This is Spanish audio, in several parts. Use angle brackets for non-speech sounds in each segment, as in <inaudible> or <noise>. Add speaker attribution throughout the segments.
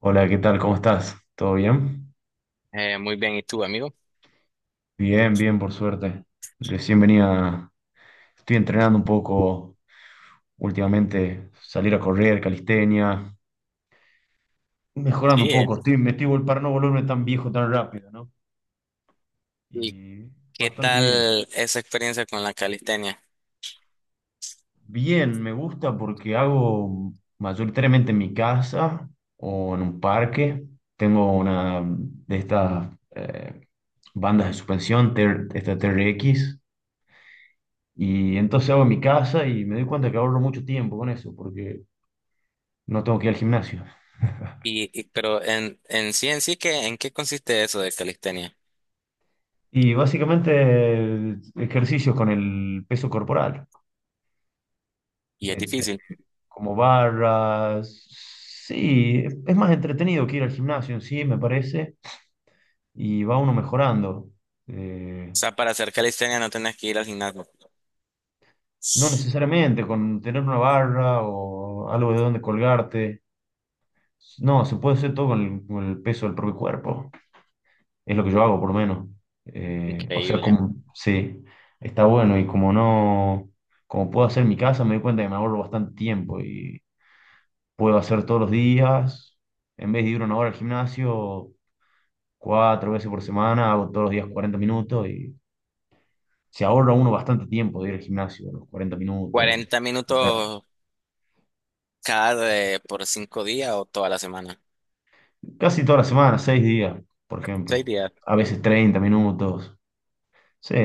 Speaker 1: Hola, ¿qué tal? ¿Cómo estás? ¿Todo bien?
Speaker 2: Muy bien, ¿y tú, amigo?
Speaker 1: Bien, bien, por suerte. Recién venía, estoy entrenando un poco últimamente, salir a correr, calistenia, mejorando un
Speaker 2: Sí.
Speaker 1: poco. Estoy, me estoy vol- Para no volverme tan viejo tan rápido, ¿no?
Speaker 2: ¿Y
Speaker 1: Y
Speaker 2: qué
Speaker 1: bastante bien.
Speaker 2: tal esa experiencia con la calistenia?
Speaker 1: Bien, me gusta porque hago mayoritariamente en mi casa o en un parque. Tengo una de estas eh, bandas de suspensión, TR esta TRX. Y entonces hago en mi casa y me doy cuenta que ahorro mucho tiempo con eso, porque no tengo que ir al gimnasio.
Speaker 2: Pero en sí, ¿en qué consiste eso de calistenia?
Speaker 1: Y básicamente ejercicios con el peso corporal,
Speaker 2: Y es
Speaker 1: este,
Speaker 2: difícil. O
Speaker 1: como barras. Sí, es más entretenido que ir al gimnasio en sí, me parece, y va uno mejorando. Eh,
Speaker 2: sea, para hacer calistenia no tenés que ir al gimnasio.
Speaker 1: no necesariamente con tener una barra o algo de donde colgarte. No, se puede hacer todo con el peso del propio cuerpo. Es lo que yo hago, por lo menos. O sea,
Speaker 2: Increíble.
Speaker 1: como, sí, está bueno y como no, como puedo hacer en mi casa, me doy cuenta que me ahorro bastante tiempo y puedo hacer todos los días, en vez de ir una hora al gimnasio, cuatro veces por semana, hago todos los días 40 minutos y se ahorra uno bastante tiempo de ir al gimnasio, los 40 minutos,
Speaker 2: ¿40
Speaker 1: o sea,
Speaker 2: minutos cada por 5 días o toda la semana?
Speaker 1: casi toda la semana, 6 días, por
Speaker 2: Seis
Speaker 1: ejemplo,
Speaker 2: días.
Speaker 1: a veces
Speaker 2: Mm.
Speaker 1: 30 minutos, sí.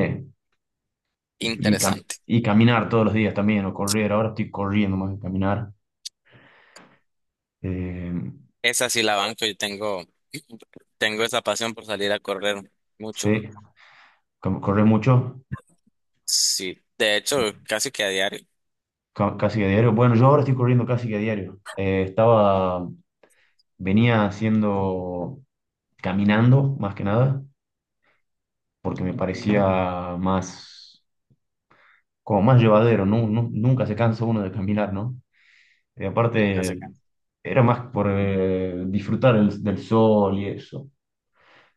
Speaker 2: Interesante.
Speaker 1: Y caminar todos los días también, o correr. Ahora estoy corriendo más que caminar. Eh,
Speaker 2: Esa sí la banco, yo tengo, <clears throat> tengo esa pasión por salir a correr mucho.
Speaker 1: sí, Correr mucho,
Speaker 2: Sí, de hecho, casi que a diario.
Speaker 1: casi a diario. Bueno, yo ahora estoy corriendo casi que a diario. Venía haciendo, caminando más que nada, porque me
Speaker 2: Ujú.
Speaker 1: parecía más, como más llevadero, ¿no? Nunca se cansa uno de caminar, ¿no? Y
Speaker 2: Nunca se
Speaker 1: aparte,
Speaker 2: cansa.
Speaker 1: era más por disfrutar del sol y eso.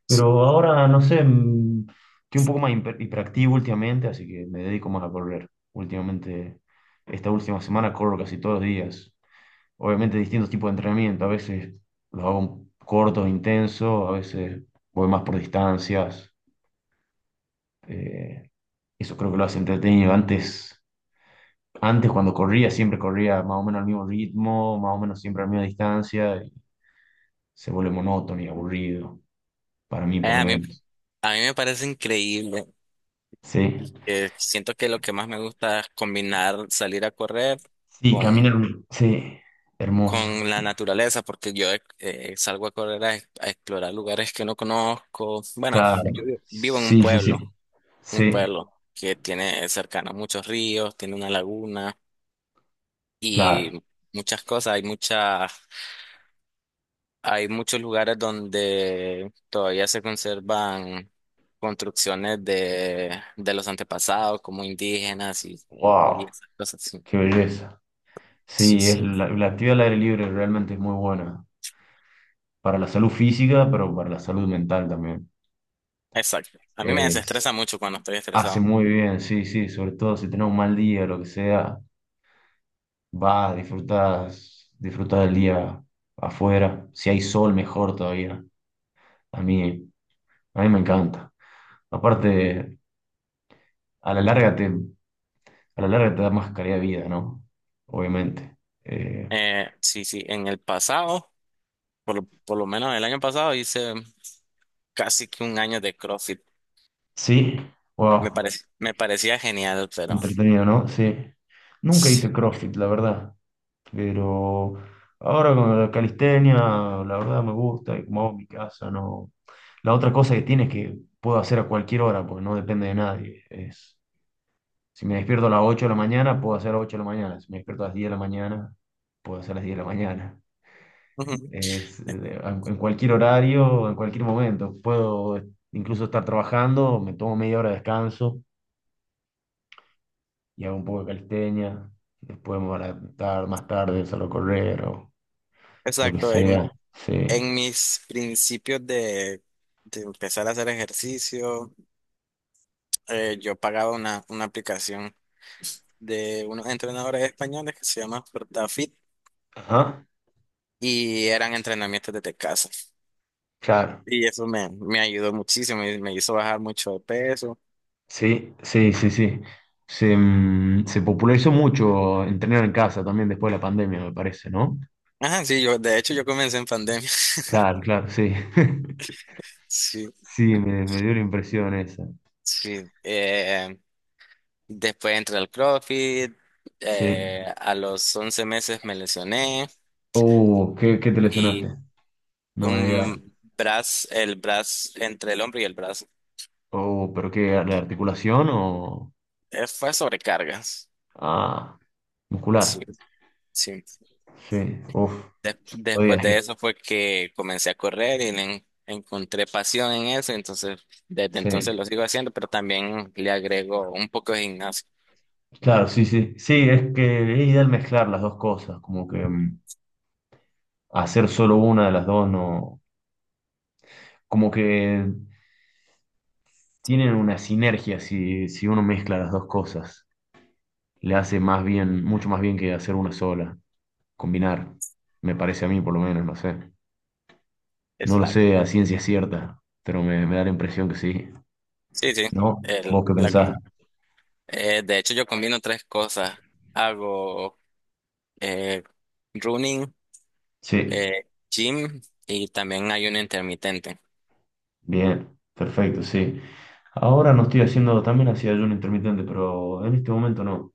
Speaker 1: Pero ahora, no sé, estoy un poco más hiperactivo últimamente, así que me dedico más a correr. Últimamente, esta última semana corro casi todos los días. Obviamente distintos tipos de entrenamiento, a veces los hago cortos, intensos, a veces voy más por distancias. Eh, Eso creo que lo hace entretenido. Antes cuando corría, siempre corría más o menos al mismo ritmo, más o menos siempre a la misma distancia, y se vuelve monótono y aburrido, para mí
Speaker 2: Eh,
Speaker 1: por lo
Speaker 2: a mí,
Speaker 1: menos.
Speaker 2: a mí me parece increíble.
Speaker 1: Sí.
Speaker 2: Siento que lo que más me gusta es combinar salir a correr
Speaker 1: Sí, camina
Speaker 2: con,
Speaker 1: hermoso. Sí, hermoso.
Speaker 2: con la naturaleza, porque yo salgo a correr a explorar lugares que no conozco. Bueno,
Speaker 1: Claro.
Speaker 2: yo vivo en
Speaker 1: Sí, sí, sí.
Speaker 2: un
Speaker 1: Sí,
Speaker 2: pueblo que tiene cercano muchos ríos, tiene una laguna y
Speaker 1: claro.
Speaker 2: muchas cosas. Hay muchas. Hay muchos lugares donde todavía se conservan construcciones de los antepasados, como indígenas y
Speaker 1: Wow,
Speaker 2: esas cosas. Sí,
Speaker 1: qué belleza.
Speaker 2: sí,
Speaker 1: Sí, es
Speaker 2: sí.
Speaker 1: la actividad al aire libre realmente es muy buena para la salud física, pero para la salud mental también.
Speaker 2: Exacto. A mí me
Speaker 1: Es,
Speaker 2: desestresa mucho cuando estoy
Speaker 1: hace
Speaker 2: estresado.
Speaker 1: muy bien, sí, sí, sobre todo si tenés un mal día, lo que sea, vas, disfrutás, disfrutás del día afuera. Si hay sol, mejor todavía. A mí, a mí me encanta. Aparte, a la larga te, a la larga te da más calidad de vida, ¿no? Obviamente. Eh,
Speaker 2: Sí, sí, en el pasado, por lo menos el año pasado, hice casi que un año de CrossFit.
Speaker 1: sí,
Speaker 2: Me
Speaker 1: wow,
Speaker 2: pare- me parecía genial, pero
Speaker 1: entretenido, ¿no? Sí. Nunca
Speaker 2: sí.
Speaker 1: hice CrossFit, la verdad, pero ahora con la calistenia, la verdad me gusta y como hago en mi casa, no. La otra cosa que tiene es que puedo hacer a cualquier hora, porque no depende de nadie. Es, si me despierto a las 8 de la mañana, puedo hacer a las 8 de la mañana. Si me despierto a las 10 de la mañana, puedo hacer a las 10 de la mañana.
Speaker 2: Ujú.
Speaker 1: Es, eh, en cualquier horario, en cualquier momento. Puedo incluso estar trabajando, me tomo media hora de descanso y hago un poco de calistenia. Después me voy a estar más tarde, solo correr o lo que
Speaker 2: Exacto,
Speaker 1: sea. Sí.
Speaker 2: en mis principios de empezar a hacer ejercicio, yo pagaba una aplicación de unos entrenadores españoles que se llama FortaFit
Speaker 1: Ajá.
Speaker 2: y eran entrenamientos desde casa.
Speaker 1: Claro.
Speaker 2: Y eso me ayudó muchísimo y me hizo bajar mucho de peso.
Speaker 1: Sí, sí, sí, sí. Se popularizó mucho entrenar en casa también después de la pandemia, me parece, ¿no?
Speaker 2: Ajá, sí, de hecho yo comencé en pandemia.
Speaker 1: Claro, claro, sí. <laughs>
Speaker 2: Sí,
Speaker 1: Sí, me dio la impresión esa.
Speaker 2: sí. Después entré al CrossFit,
Speaker 1: Sí.
Speaker 2: a los 11 meses me lesioné
Speaker 1: Oh, ¿qué te
Speaker 2: y
Speaker 1: lesionaste? No me digas.
Speaker 2: un brazo, el brazo, entre el hombro y el brazo,
Speaker 1: Oh, ¿pero qué? ¿La articulación o...?
Speaker 2: fue sobrecargas.
Speaker 1: Ah,
Speaker 2: Sí,
Speaker 1: muscular.
Speaker 2: sí.
Speaker 1: Sí, uff.
Speaker 2: Des-
Speaker 1: Oye,
Speaker 2: después de
Speaker 1: sí.
Speaker 2: eso fue que comencé a correr y le encontré pasión en eso, entonces desde
Speaker 1: Sí.
Speaker 2: entonces lo sigo haciendo, pero también le agrego un poco de gimnasio.
Speaker 1: Claro, sí, sí. Sí, es que es ideal mezclar las dos cosas, como que hacer solo una de las dos no, como que tienen una sinergia si uno mezcla las dos cosas. Le hace más bien, mucho más bien que hacer una sola, combinar, me parece a mí por lo menos, no sé. No lo
Speaker 2: Exacto.
Speaker 1: sé a ciencia cierta, pero me da la impresión que sí.
Speaker 2: Sí, sí.
Speaker 1: ¿No? ¿Vos
Speaker 2: El,
Speaker 1: qué
Speaker 2: la,
Speaker 1: pensás?
Speaker 2: de hecho, yo combino tres cosas. Hago eh, running,
Speaker 1: Sí,
Speaker 2: gym y también ayuno intermitente.
Speaker 1: bien, perfecto, sí. Ahora no estoy haciendo, también hacía ayuno intermitente, pero en este momento no.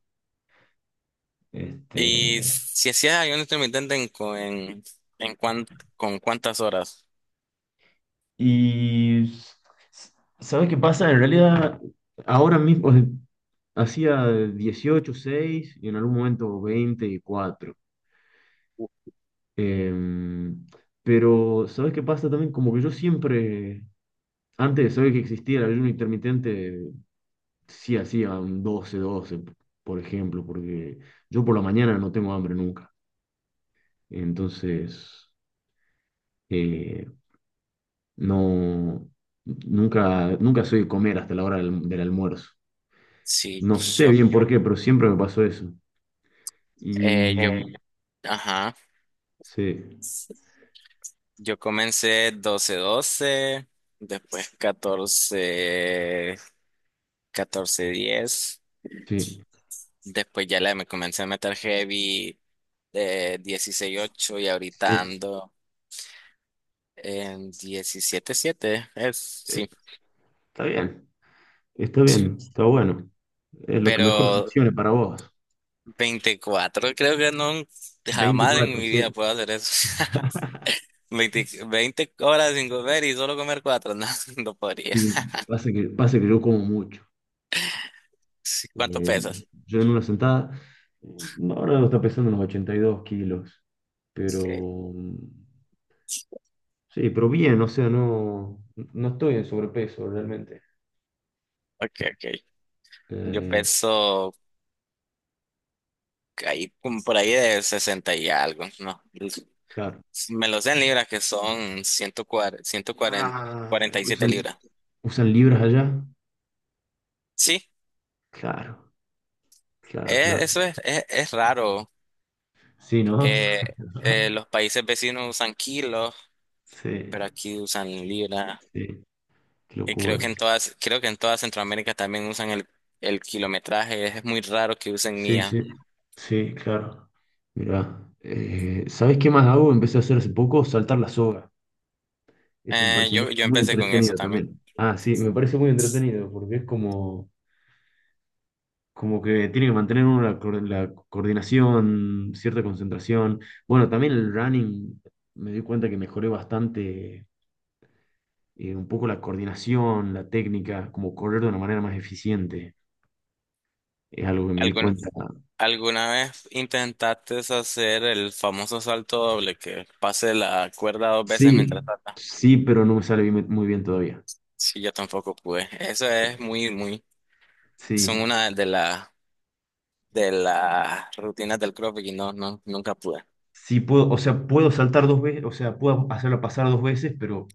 Speaker 1: Este,
Speaker 2: Y si hacías ayuno intermitente en, cu- en cuán- con cuántas horas?
Speaker 1: y s- s- ¿Sabés qué pasa? En realidad, ahora mismo hacía 18/6 y en algún momento 24. Em, pero, ¿sabes qué pasa también? Como que yo siempre, antes de saber que existía el ayuno intermitente, sí hacía un 12 12, por ejemplo, porque yo por la mañana no tengo hambre nunca. Entonces, eh, no, nunca, nunca soy de comer hasta la hora del almuerzo.
Speaker 2: Sí,
Speaker 1: No sé
Speaker 2: yo,
Speaker 1: bien por qué, pero siempre me pasó eso.
Speaker 2: eh, yo,
Speaker 1: Y
Speaker 2: ajá.
Speaker 1: sí,
Speaker 2: Yo comencé 12/12, después catorce diez.
Speaker 1: sí,
Speaker 2: Después ya le me comencé a meter heavy de 16/8 y ahorita
Speaker 1: sí,
Speaker 2: ando en 17/7. Es,
Speaker 1: eh,
Speaker 2: sí,
Speaker 1: está bien, está
Speaker 2: sí.
Speaker 1: bien, está bueno. Es lo que mejor
Speaker 2: Pero
Speaker 1: funcione para vos.
Speaker 2: 24 creo que no, jamás en
Speaker 1: 24
Speaker 2: mi vida
Speaker 1: sí.
Speaker 2: puedo hacer eso. <laughs> Veinte horas sin comer y solo comer cuatro no, <laughs> no podría.
Speaker 1: Sí, pasa que yo como mucho.
Speaker 2: Sí, ¿cuánto
Speaker 1: Eh,
Speaker 2: pesas?
Speaker 1: yo en una sentada, eh, no, ahora no está pesando unos 82 kilos,
Speaker 2: Okay,
Speaker 1: pero sí, pero bien, o sea, no, no estoy en sobrepeso realmente.
Speaker 2: okay, okay. Yo
Speaker 1: Eh,
Speaker 2: peso ahí como por ahí de 60 y algo, ¿no?
Speaker 1: claro.
Speaker 2: Si me lo sé en libras, que son
Speaker 1: Ah, es que
Speaker 2: 147 libras.
Speaker 1: ¿Usan libras allá?
Speaker 2: Sí,
Speaker 1: Claro, claro, claro.
Speaker 2: eso es raro.
Speaker 1: Sí, ¿no?
Speaker 2: Eh, los países vecinos usan kilos, pero
Speaker 1: Sí,
Speaker 2: aquí usan libras.
Speaker 1: sí, qué
Speaker 2: Y creo
Speaker 1: locura.
Speaker 2: que en todas, creo que en toda Centroamérica también usan el kilometraje. Es muy raro que usen
Speaker 1: Sí,
Speaker 2: millas.
Speaker 1: sí, sí, claro. Mirá, ¿sabés qué más hago? Empecé a hacer hace poco, saltar la soga. Eso me
Speaker 2: Eh,
Speaker 1: parece muy,
Speaker 2: yo, yo
Speaker 1: muy
Speaker 2: empecé con eso
Speaker 1: entretenido
Speaker 2: también.
Speaker 1: también. Ah, sí, me parece muy entretenido porque es como, como que tiene que mantener uno la coordinación, cierta concentración. Bueno, también el running me di cuenta que mejoré bastante un poco la coordinación, la técnica, como correr de una manera más eficiente. Es algo que me di
Speaker 2: ¿Alguna,
Speaker 1: cuenta.
Speaker 2: alguna vez intentaste hacer el famoso salto doble que pase la cuerda dos veces
Speaker 1: Sí,
Speaker 2: mientras tratas?
Speaker 1: sí, pero no me sale muy bien todavía.
Speaker 2: Sí, yo tampoco pude. Eso es muy, muy. Son
Speaker 1: Sí,
Speaker 2: una de las rutinas del CrossFit y no, no, nunca pude.
Speaker 1: sí puedo, o sea, puedo saltar dos veces, o sea, puedo hacerla pasar dos veces, pero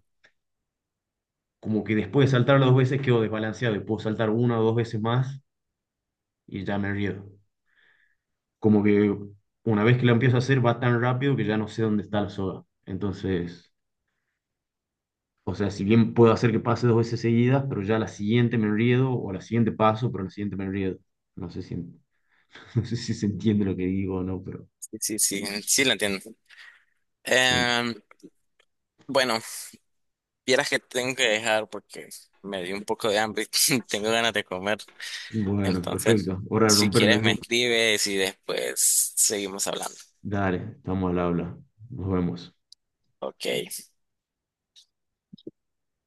Speaker 1: como que después de saltar las dos veces quedo desbalanceado y puedo saltar una o dos veces más y ya me río. Como que una vez que lo empiezo a hacer va tan rápido que ya no sé dónde está la soga. Entonces, o sea, si bien puedo hacer que pase dos veces seguidas, pero ya a la siguiente me río o a la siguiente paso, pero a la siguiente me río. No sé si, en- <laughs> no sé si se entiende lo que digo o no, pero
Speaker 2: Sí, sí, sí, sí lo entiendo.
Speaker 1: sí.
Speaker 2: Em, bueno, vieras que tengo que dejar porque me dio un poco de hambre y <laughs> tengo ganas de comer.
Speaker 1: Bueno,
Speaker 2: Entonces,
Speaker 1: perfecto. Hora de
Speaker 2: si
Speaker 1: romper la
Speaker 2: quieres me
Speaker 1: rumba.
Speaker 2: escribes y después seguimos hablando.
Speaker 1: Dale, estamos al habla. Nos vemos.
Speaker 2: Ok.